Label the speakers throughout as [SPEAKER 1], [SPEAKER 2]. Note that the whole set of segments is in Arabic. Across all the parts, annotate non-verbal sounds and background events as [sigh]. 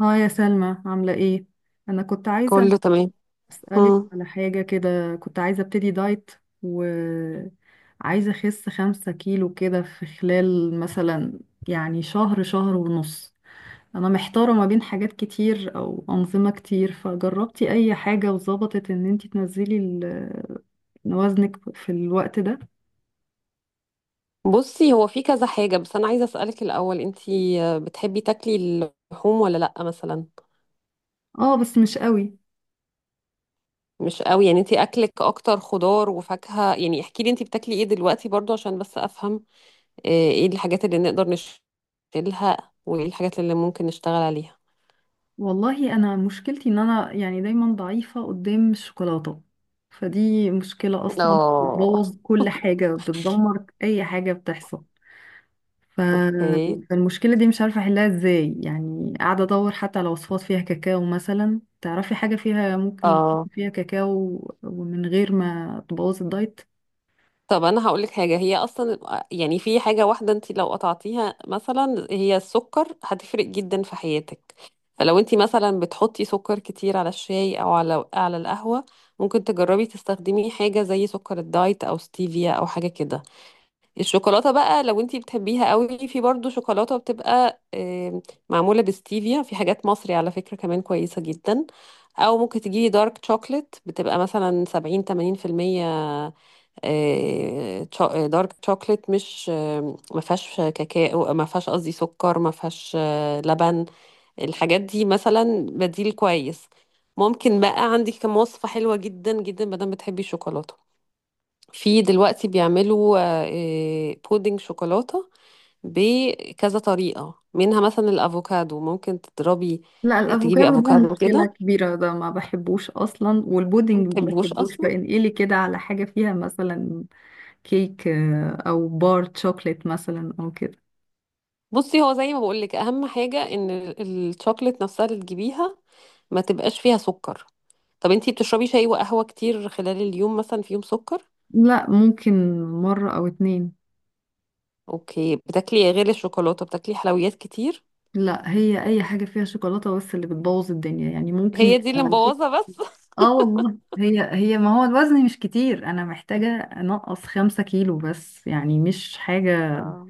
[SPEAKER 1] اه، يا سلمى، عاملة ايه؟ أنا كنت عايزة
[SPEAKER 2] كله تمام.
[SPEAKER 1] أسألك
[SPEAKER 2] مم.
[SPEAKER 1] على حاجة كده. كنت عايزة أبتدي دايت وعايزة أخس 5 كيلو كده في خلال مثلا يعني شهر، شهر ونص. أنا محتارة ما بين حاجات كتير أو أنظمة كتير. فجربتي أي حاجة وظبطت إن انتي تنزلي وزنك في الوقت ده؟
[SPEAKER 2] بصي، هو في كذا حاجة بس أنا عايزة أسألك الأول. أنتي بتحبي تاكلي اللحوم ولا لأ مثلا؟
[SPEAKER 1] اه، بس مش قوي.
[SPEAKER 2] مش قوي؟ يعني أنتي أكلك أكتر خضار وفاكهة؟ يعني احكي لي أنتي بتاكلي إيه دلوقتي، برضو عشان بس أفهم إيه الحاجات اللي نقدر نشيلها وإيه الحاجات اللي ممكن نشتغل عليها.
[SPEAKER 1] والله انا مشكلتي ان انا يعني دايما ضعيفة قدام الشوكولاتة، فدي مشكلة اصلا،
[SPEAKER 2] اه.
[SPEAKER 1] بتبوظ كل حاجة، بتدمر اي حاجة بتحصل. ف...
[SPEAKER 2] اوكي.
[SPEAKER 1] فالمشكلة دي مش عارفة احلها ازاي، يعني قاعدة ادور حتى على وصفات فيها كاكاو مثلا. تعرفي حاجة فيها ممكن نحط
[SPEAKER 2] اه.
[SPEAKER 1] فيها كاكاو ومن غير ما تبوظ الدايت؟
[SPEAKER 2] طب انا هقولك حاجه، هي اصلا يعني في حاجه واحده انت لو قطعتيها مثلا، هي السكر، هتفرق جدا في حياتك. فلو انت مثلا بتحطي سكر كتير على الشاي او على القهوه، ممكن تجربي تستخدمي حاجه زي سكر الدايت او ستيفيا او حاجه كده. الشوكولاته بقى لو انت بتحبيها قوي، في برضو شوكولاته بتبقى معموله بستيفيا، في حاجات مصري على فكره كمان كويسه جدا. او ممكن تجيبي دارك شوكليت بتبقى مثلا 70 80%. دارك شوكليت مش ما فيهاش كاكاو، ما فيهاش قصدي سكر، ما فيهاش لبن. الحاجات دي مثلا بديل كويس. ممكن بقى، عندي كم وصفة حلوة جدا جدا، ما دام بتحبي الشوكولاتة. في دلوقتي بيعملوا بودنج شوكولاتة بكذا طريقة، منها مثلا الأفوكادو. ممكن تضربي
[SPEAKER 1] لا،
[SPEAKER 2] تجيبي
[SPEAKER 1] الافوكادو ده
[SPEAKER 2] أفوكادو
[SPEAKER 1] مشكلة
[SPEAKER 2] كده.
[SPEAKER 1] كبيرة، ده ما بحبوش اصلا،
[SPEAKER 2] ما
[SPEAKER 1] والبودنج ما
[SPEAKER 2] بتحبوش
[SPEAKER 1] بحبوش.
[SPEAKER 2] أصلا؟
[SPEAKER 1] فانقلي كده على حاجة فيها مثلا كيك، او بار شوكليت مثلا او كده.
[SPEAKER 2] بصي، هو زي ما بقولك أهم حاجة إن الشوكولاتة نفسها اللي تجيبيها ما تبقاش فيها سكر. طب انتي بتشربي شاي وقهوة كتير خلال اليوم؟ مثلا في يوم سكر؟
[SPEAKER 1] لا، ممكن مرة او اتنين.
[SPEAKER 2] اوكي. بتاكلي غير الشوكولاتة؟ بتاكلي حلويات كتير؟
[SPEAKER 1] لا، هي اي حاجة فيها شوكولاتة بس اللي بتبوظ الدنيا، يعني ممكن
[SPEAKER 2] هي دي اللي
[SPEAKER 1] يبقى كيك.
[SPEAKER 2] مبوظة بس. [laughs]
[SPEAKER 1] اه والله، هي هي، ما هو الوزن مش كتير، انا محتاجة انقص 5 كيلو بس، يعني مش حاجة،
[SPEAKER 2] اه.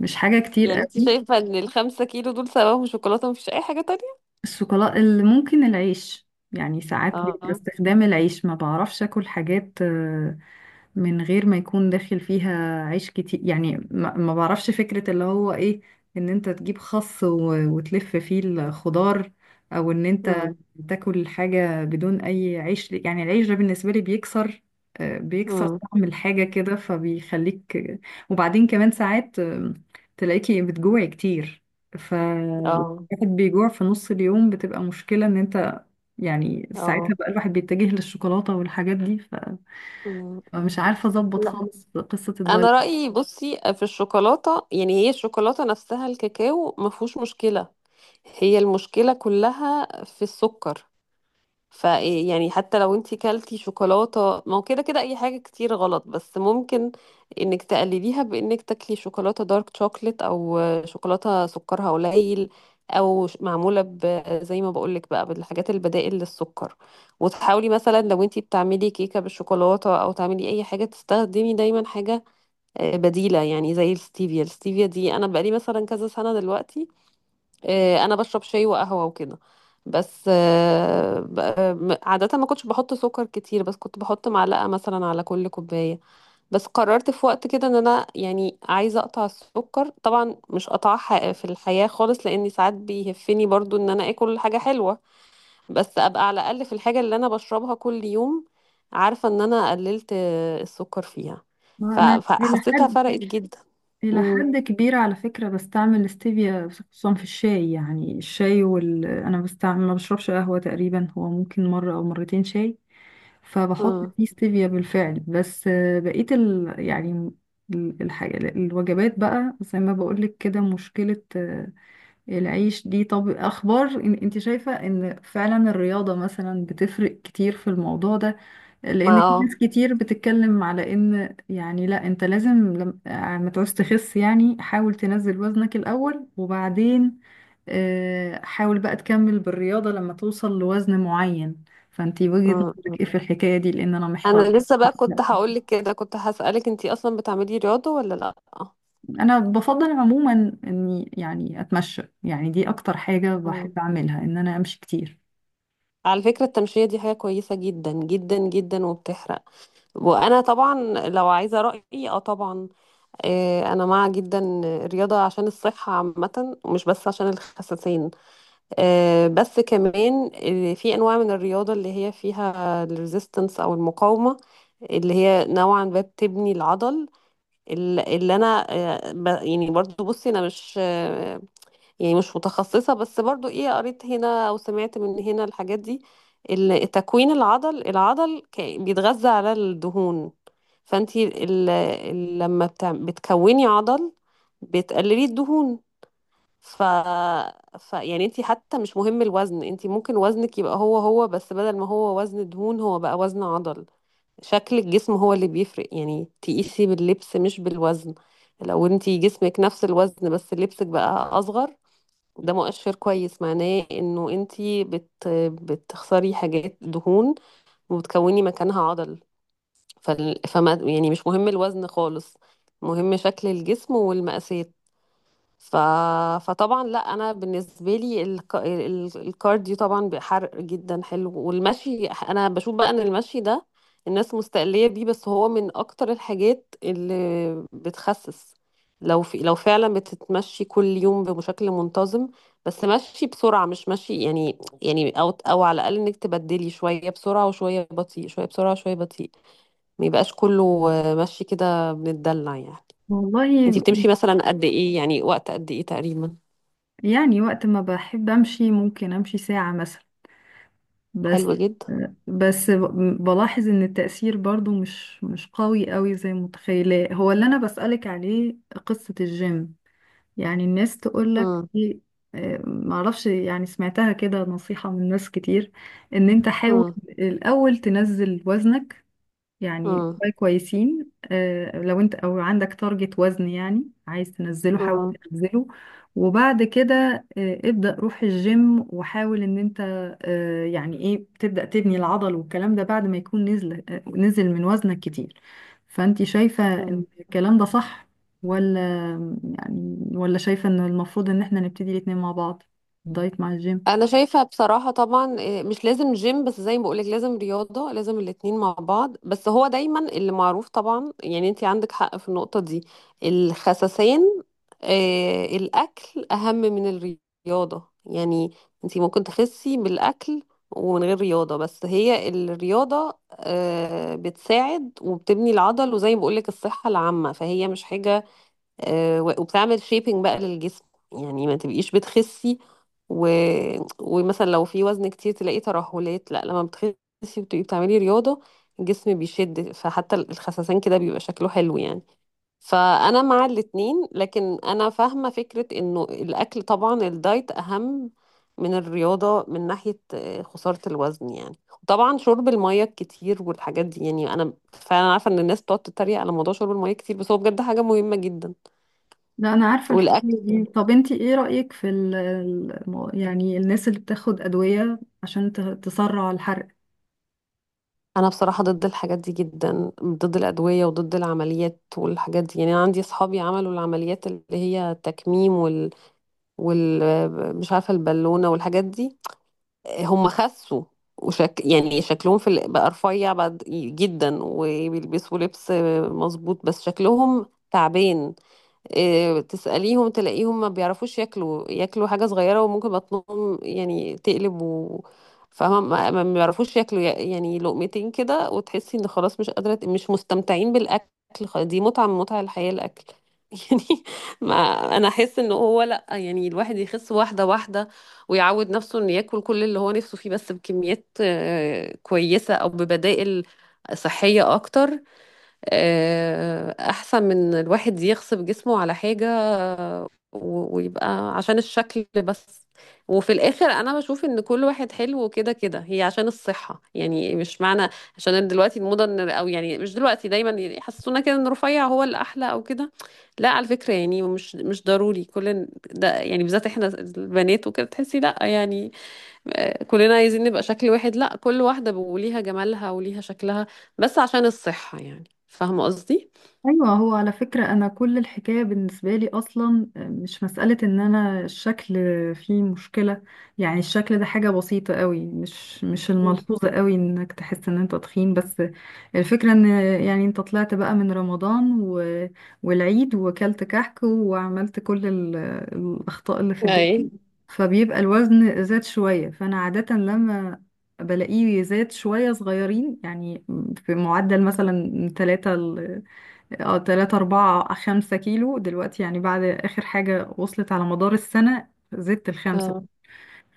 [SPEAKER 1] مش حاجة كتير
[SPEAKER 2] يعني انتي
[SPEAKER 1] قوي.
[SPEAKER 2] شايفة ان ال5 كيلو دول سببهم شوكولاتة، مفيش اي حاجة تانية؟
[SPEAKER 1] الشوكولاته، اللي ممكن العيش يعني ساعات بيبقى
[SPEAKER 2] اه.
[SPEAKER 1] استخدام العيش. ما بعرفش اكل حاجات من غير ما يكون داخل فيها عيش كتير، يعني ما بعرفش فكرة اللي هو ايه، ان انت تجيب خس وتلف فيه الخضار، او ان انت
[SPEAKER 2] امم.
[SPEAKER 1] تاكل حاجة بدون اي عيش. يعني العيش ده بالنسبة لي بيكسر، بيكسر
[SPEAKER 2] امم.
[SPEAKER 1] طعم الحاجة كده فبيخليك. وبعدين كمان ساعات تلاقيكي بتجوعي كتير.
[SPEAKER 2] اه.
[SPEAKER 1] الواحد بيجوع في نص اليوم، بتبقى مشكلة ان انت يعني ساعتها
[SPEAKER 2] اه.
[SPEAKER 1] بقى الواحد بيتجه للشوكولاتة والحاجات دي،
[SPEAKER 2] مم.
[SPEAKER 1] فمش
[SPEAKER 2] مم.
[SPEAKER 1] عارفة اظبط
[SPEAKER 2] لا.
[SPEAKER 1] خالص قصة الدايت.
[SPEAKER 2] انا رأيي بصي، في الشوكولاتة يعني هي الشوكولاتة نفسها الكاكاو مفهوش مشكلة، هي المشكلة كلها في السكر. فيعني حتى لو انتي كلتي شوكولاتة، ما هو كده كده اي حاجة كتير غلط، بس ممكن انك تقلليها بانك تاكلي شوكولاتة دارك شوكليت او شوكولاتة سكرها قليل او معمولة ب زي ما بقولك بقى بالحاجات البدائل للسكر. وتحاولي مثلا لو انتي بتعملي كيكة بالشوكولاتة او تعملي اي حاجة، تستخدمي دايما حاجة بديلة يعني زي الستيفيا. الستيفيا دي انا بقالي مثلا كذا سنة دلوقتي، انا بشرب شاي وقهوه وكده، بس عاده ما كنتش بحط سكر كتير، بس كنت بحط معلقه مثلا على كل كوبايه. بس قررت في وقت كده ان انا يعني عايزه اقطع السكر، طبعا مش قطعها في الحياه خالص، لاني ساعات بيهفني برضو ان انا اكل حاجه حلوه، بس ابقى على الاقل في الحاجه اللي انا بشربها كل يوم عارفه ان انا قللت السكر فيها.
[SPEAKER 1] انا الى
[SPEAKER 2] فحسيتها
[SPEAKER 1] حد،
[SPEAKER 2] فرقت جدا.
[SPEAKER 1] الى
[SPEAKER 2] امم.
[SPEAKER 1] حد كبير على فكرة بستعمل الاستيفيا، خصوصا في الشاي. يعني الشاي وال، انا بستعمل، ما بشربش قهوة تقريبا، هو ممكن مرة او مرتين شاي، فبحط فيه ستيفيا بالفعل. بس بقية يعني الحاجة، الوجبات بقى زي ما بقولك كده مشكلة، العيش دي. طب اخبار إن انت شايفة ان فعلا الرياضة مثلا بتفرق كتير في الموضوع ده؟ لان في
[SPEAKER 2] ما
[SPEAKER 1] ناس كتير بتتكلم على ان يعني لا، انت لازم لما ما تعوز تخس يعني حاول تنزل وزنك الاول، وبعدين حاول بقى تكمل بالرياضة لما توصل لوزن معين. فانت وجهة
[SPEAKER 2] اه،
[SPEAKER 1] نظرك ايه في الحكاية دي؟ لان انا محتار.
[SPEAKER 2] انا لسه بقى كنت هقولك كده، كنت هسألك انتي اصلا بتعملي رياضة ولا لا؟
[SPEAKER 1] انا بفضل عموما اني يعني اتمشى، يعني دي اكتر حاجة
[SPEAKER 2] مم.
[SPEAKER 1] بحب اعملها، ان انا امشي كتير.
[SPEAKER 2] على فكرة التمشية دي حاجة كويسة جدا جدا جدا وبتحرق. وانا طبعا لو عايزة رأيي، اه طبعا، آه انا مع جدا الرياضة عشان الصحة عامة ومش بس عشان الخساسين. آه بس كمان في انواع من الرياضة اللي هي فيها الريزيستنس او المقاومة، اللي هي نوعا ما بتبني العضل. اللي انا يعني برضو بصي انا مش، يعني مش متخصصة، بس برضو ايه قريت هنا او سمعت من هنا الحاجات دي، تكوين العضل. العضل بيتغذى على الدهون. فانتي لما بتكوني عضل بتقللي الدهون. ف... ف يعني انتي حتى مش مهم الوزن، انتي ممكن وزنك يبقى هو هو، بس بدل ما هو وزن دهون هو بقى وزن عضل. شكل الجسم هو اللي بيفرق، يعني تقيسي باللبس مش بالوزن. لو انتي جسمك نفس الوزن بس لبسك بقى اصغر، ده مؤشر كويس معناه انه انتي بتخسري حاجات دهون وبتكوني مكانها عضل. فما يعني مش مهم الوزن خالص، مهم شكل الجسم والمقاسات. ف... فطبعا لا، انا بالنسبه لي الكارديو طبعا بحرق جدا حلو. والمشي انا بشوف بقى ان المشي ده الناس مستقليه بيه، بس هو من اكتر الحاجات اللي بتخسس. لو فعلا بتتمشي كل يوم بشكل منتظم، بس مشي بسرعه، مش مشي يعني او على الاقل انك تبدلي شويه بسرعه وشويه بطيء، شويه بسرعه وشويه بطيء، ما يبقاش كله مشي كده، بنتدلع يعني. انتي
[SPEAKER 1] والله
[SPEAKER 2] بتمشي مثلا قد ايه؟ يعني وقت قد ايه تقريبا؟
[SPEAKER 1] يعني وقت ما بحب امشي ممكن امشي ساعة مثلا. بس،
[SPEAKER 2] حلو جدا.
[SPEAKER 1] بس بلاحظ ان التأثير برضو مش قوي قوي زي متخيلة. هو اللي انا بسألك عليه قصة الجيم. يعني الناس تقولك
[SPEAKER 2] مم.
[SPEAKER 1] ايه؟ معرفش، يعني سمعتها كده نصيحة من ناس كتير، ان انت حاول
[SPEAKER 2] مم.
[SPEAKER 1] الاول تنزل وزنك، يعني
[SPEAKER 2] مم.
[SPEAKER 1] شوية كويسين. لو انت او عندك تارجت وزن يعني عايز تنزله، حاول
[SPEAKER 2] مم.
[SPEAKER 1] تنزله، وبعد كده ابدأ روح الجيم وحاول ان انت يعني ايه تبدأ تبني العضل والكلام ده، بعد ما يكون نزل، نزل من وزنك كتير. فانت شايفة ان
[SPEAKER 2] مم.
[SPEAKER 1] الكلام ده صح، ولا يعني ولا شايفة ان المفروض ان احنا نبتدي الاتنين مع بعض، الدايت مع الجيم؟
[SPEAKER 2] انا شايفه بصراحه طبعا، مش لازم جيم بس زي ما بقولك لازم رياضه، لازم الاتنين مع بعض. بس هو دايما اللي معروف طبعا يعني، انت عندك حق في النقطه دي، الخسسان آه الاكل اهم من الرياضه يعني. انت ممكن تخسي بالاكل ومن غير رياضه، بس هي الرياضه آه بتساعد وبتبني العضل وزي ما بقولك الصحه العامه، فهي مش حاجه وبتعمل شيبنج بقى للجسم، يعني ما تبقيش بتخسي و... ومثلا لو في وزن كتير تلاقي ترهلات. لا لما بتخسي وتبقي بتعملي رياضة الجسم بيشد، فحتى الخسسان كده بيبقى شكله حلو يعني. فأنا مع الاتنين، لكن أنا فاهمة فكرة إنه الأكل طبعا الدايت أهم من الرياضة من ناحية خسارة الوزن يعني. وطبعا شرب المية الكتير والحاجات دي، يعني أنا فعلا عارفة إن الناس بتقعد تتريق على موضوع شرب المية كتير، بس هو بجد حاجة مهمة جدا.
[SPEAKER 1] لا انا عارفه الحكايه
[SPEAKER 2] والاكل.
[SPEAKER 1] دي. طب انتي ايه رايك في يعني الناس اللي بتاخد ادويه عشان تسرع الحرق؟
[SPEAKER 2] انا بصراحه ضد الحاجات دي جدا، ضد الادويه وضد العمليات والحاجات دي. يعني انا عندي اصحابي عملوا العمليات اللي هي التكميم وال, وال... مش عارفه البالونه والحاجات دي. هم خسوا يعني شكلهم بقى رفيع بقى جدا وبيلبسوا لبس مظبوط، بس شكلهم تعبان. تسأليهم تلاقيهم ما بيعرفوش ياكلوا، ياكلوا حاجة صغيرة وممكن بطنهم يعني تقلب و فاهمة، ما بيعرفوش ياكلوا، يعني لقمتين كده وتحسي ان خلاص مش قادرة، مش مستمتعين بالأكل. دي متعة من متع الحياة، الأكل [laughs] يعني. ما انا احس ان هو لا، يعني الواحد يخس واحدة واحدة، ويعود نفسه انه ياكل كل اللي هو نفسه فيه بس بكميات كويسة او ببدائل صحية اكتر احسن من الواحد يغصب جسمه على حاجة ويبقى عشان الشكل بس. وفي الاخر انا بشوف ان كل واحد حلو كده كده، هي عشان الصحة يعني، مش معنى عشان دلوقتي الموضة او يعني مش دلوقتي، دايما يحسسونا كده ان رفيع هو الاحلى او كده. لا على فكرة يعني مش مش ضروري كل ده يعني، بالذات احنا البنات وكده تحسي لا يعني كلنا عايزين نبقى شكل واحد. لا، كل واحدة وليها جمالها وليها شكلها، بس عشان الصحة يعني، فاهمة قصدي؟
[SPEAKER 1] ايوه، هو على فكره انا كل الحكايه بالنسبه لي اصلا مش مساله ان انا الشكل فيه مشكله. يعني الشكل ده حاجه بسيطه قوي، مش، مش
[SPEAKER 2] مم.
[SPEAKER 1] الملحوظه قوي انك تحس ان انت تخين، بس الفكره ان يعني انت طلعت بقى من رمضان والعيد، وكلت كحك وعملت كل الاخطاء اللي في
[SPEAKER 2] اي
[SPEAKER 1] الدنيا، فبيبقى الوزن زاد شويه. فانا عاده لما بلاقيه زاد شوية صغيرين يعني، في معدل مثلا 3، اه تلاتة أربعة 5 كيلو دلوقتي، يعني بعد آخر حاجة وصلت على مدار السنة زدت الخمسة.
[SPEAKER 2] اه.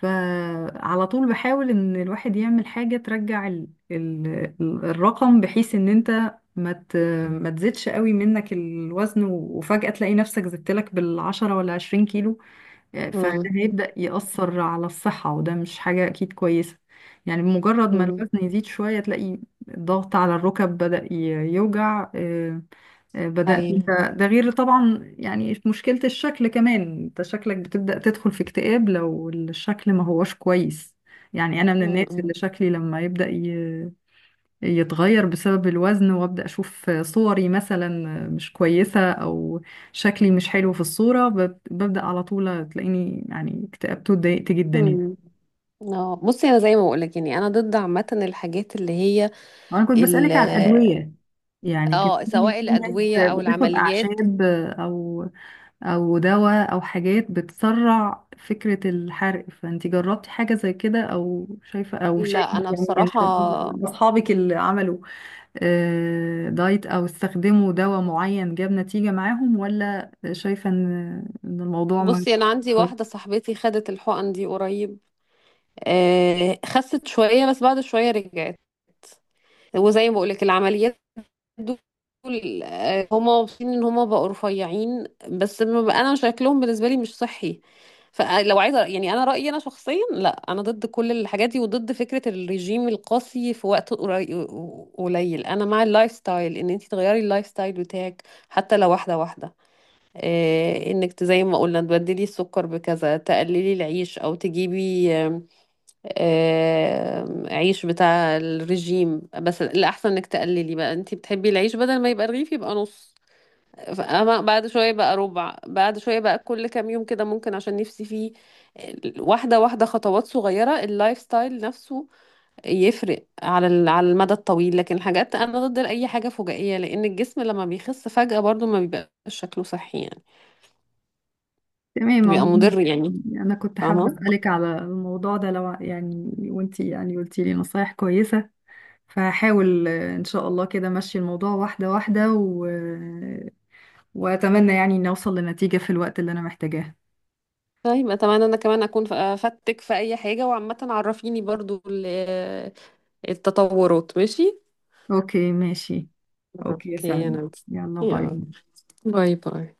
[SPEAKER 1] فعلى طول بحاول إن الواحد يعمل حاجة ترجع ال، ال الرقم، بحيث إن أنت ما تزيدش قوي منك الوزن، وفجأة تلاقي نفسك زدت لك بالـ10 ولا 20 كيلو يعني. فده
[SPEAKER 2] مم.
[SPEAKER 1] هيبدأ يأثر على الصحة، وده مش حاجة أكيد كويسة. يعني بمجرد ما
[SPEAKER 2] مم.
[SPEAKER 1] الوزن يزيد شوية، تلاقي الضغط على الركب بدأ يوجع،
[SPEAKER 2] اي.
[SPEAKER 1] بدأت انت. ده غير طبعا يعني مشكلة الشكل كمان. انت شكلك بتبدأ تدخل في اكتئاب لو الشكل ما هواش كويس. يعني أنا من الناس
[SPEAKER 2] مم.
[SPEAKER 1] اللي شكلي لما يبدأ يتغير بسبب الوزن، وابدا اشوف صوري مثلا مش كويسه، او شكلي مش حلو في الصوره، ببدا على طول تلاقيني يعني اكتئبت واتضايقت جدا يعني.
[SPEAKER 2] مم. اه بصي انا زي ما بقولك يعني انا ضد عامه الحاجات اللي هي
[SPEAKER 1] انا كنت
[SPEAKER 2] ال
[SPEAKER 1] بسالك على الادويه. يعني كان
[SPEAKER 2] اه
[SPEAKER 1] في
[SPEAKER 2] سواء
[SPEAKER 1] في ناس
[SPEAKER 2] الادويه او
[SPEAKER 1] بتاخد
[SPEAKER 2] العمليات.
[SPEAKER 1] اعشاب او او دواء او حاجات بتسرع فكره الحرق. فانت جربتي حاجه زي كده، او شايفه، او شايفه
[SPEAKER 2] لا انا
[SPEAKER 1] يعني من،
[SPEAKER 2] بصراحه،
[SPEAKER 1] من اصحابك اللي عملوا دايت او استخدموا دواء معين جاب نتيجة معاهم، ولا شايفة ان إن الموضوع ما.
[SPEAKER 2] بصي انا عندي
[SPEAKER 1] طيب.
[SPEAKER 2] واحده صاحبتي خدت الحقن دي قريب. آه خست شويه بس بعد شويه رجعت. وزي ما بقولك العمليات دول هما مبسوطين ان هما بقوا رفيعين، بس ما بقى- انا شكلهم بالنسبه لي مش صحي. فلو عايزه يعني انا رايي انا شخصيا، لا انا ضد كل الحاجات دي وضد فكره الرجيم القاسي في وقت قليل. انا مع اللايف ستايل، ان انت تغيري اللايف ستايل بتاعك حتى لو واحده واحده. انك زي ما قلنا تبدلي السكر بكذا، تقللي العيش او تجيبي عيش بتاع الرجيم. بس الأحسن انك تقللي بقى، انتي بتحبي العيش بدل ما يبقى رغيف يبقى نص، فأما بعد شوية بقى ربع، بعد شوية بقى، كل كام يوم كده ممكن عشان نفسي فيه. واحدة واحدة، خطوات صغيرة، اللايف ستايل نفسه يفرق على على المدى الطويل. لكن الحاجات، أنا ضد أي حاجة فجائية، لأن الجسم لما بيخس فجأة برضو ما بيبقاش شكله صحي يعني،
[SPEAKER 1] تمام
[SPEAKER 2] بيبقى
[SPEAKER 1] عموماً.
[SPEAKER 2] مضر يعني.
[SPEAKER 1] انا كنت حابة
[SPEAKER 2] فاهمة.
[SPEAKER 1] اسألك على الموضوع ده. لو يعني وانتي يعني قلتي لي نصايح كويسة، فهحاول ان شاء الله كده ماشي الموضوع واحدة واحدة واتمنى يعني ان اوصل لنتيجة في الوقت اللي انا محتاجاه.
[SPEAKER 2] طيب اتمنى انا كمان اكون افدتك في اي حاجة، وعامة عرفيني برضو التطورات، ماشي؟
[SPEAKER 1] اوكي ماشي. اوكي يا
[SPEAKER 2] اوكي.
[SPEAKER 1] سلمى،
[SPEAKER 2] انا.
[SPEAKER 1] يلا باي.
[SPEAKER 2] يلا باي باي.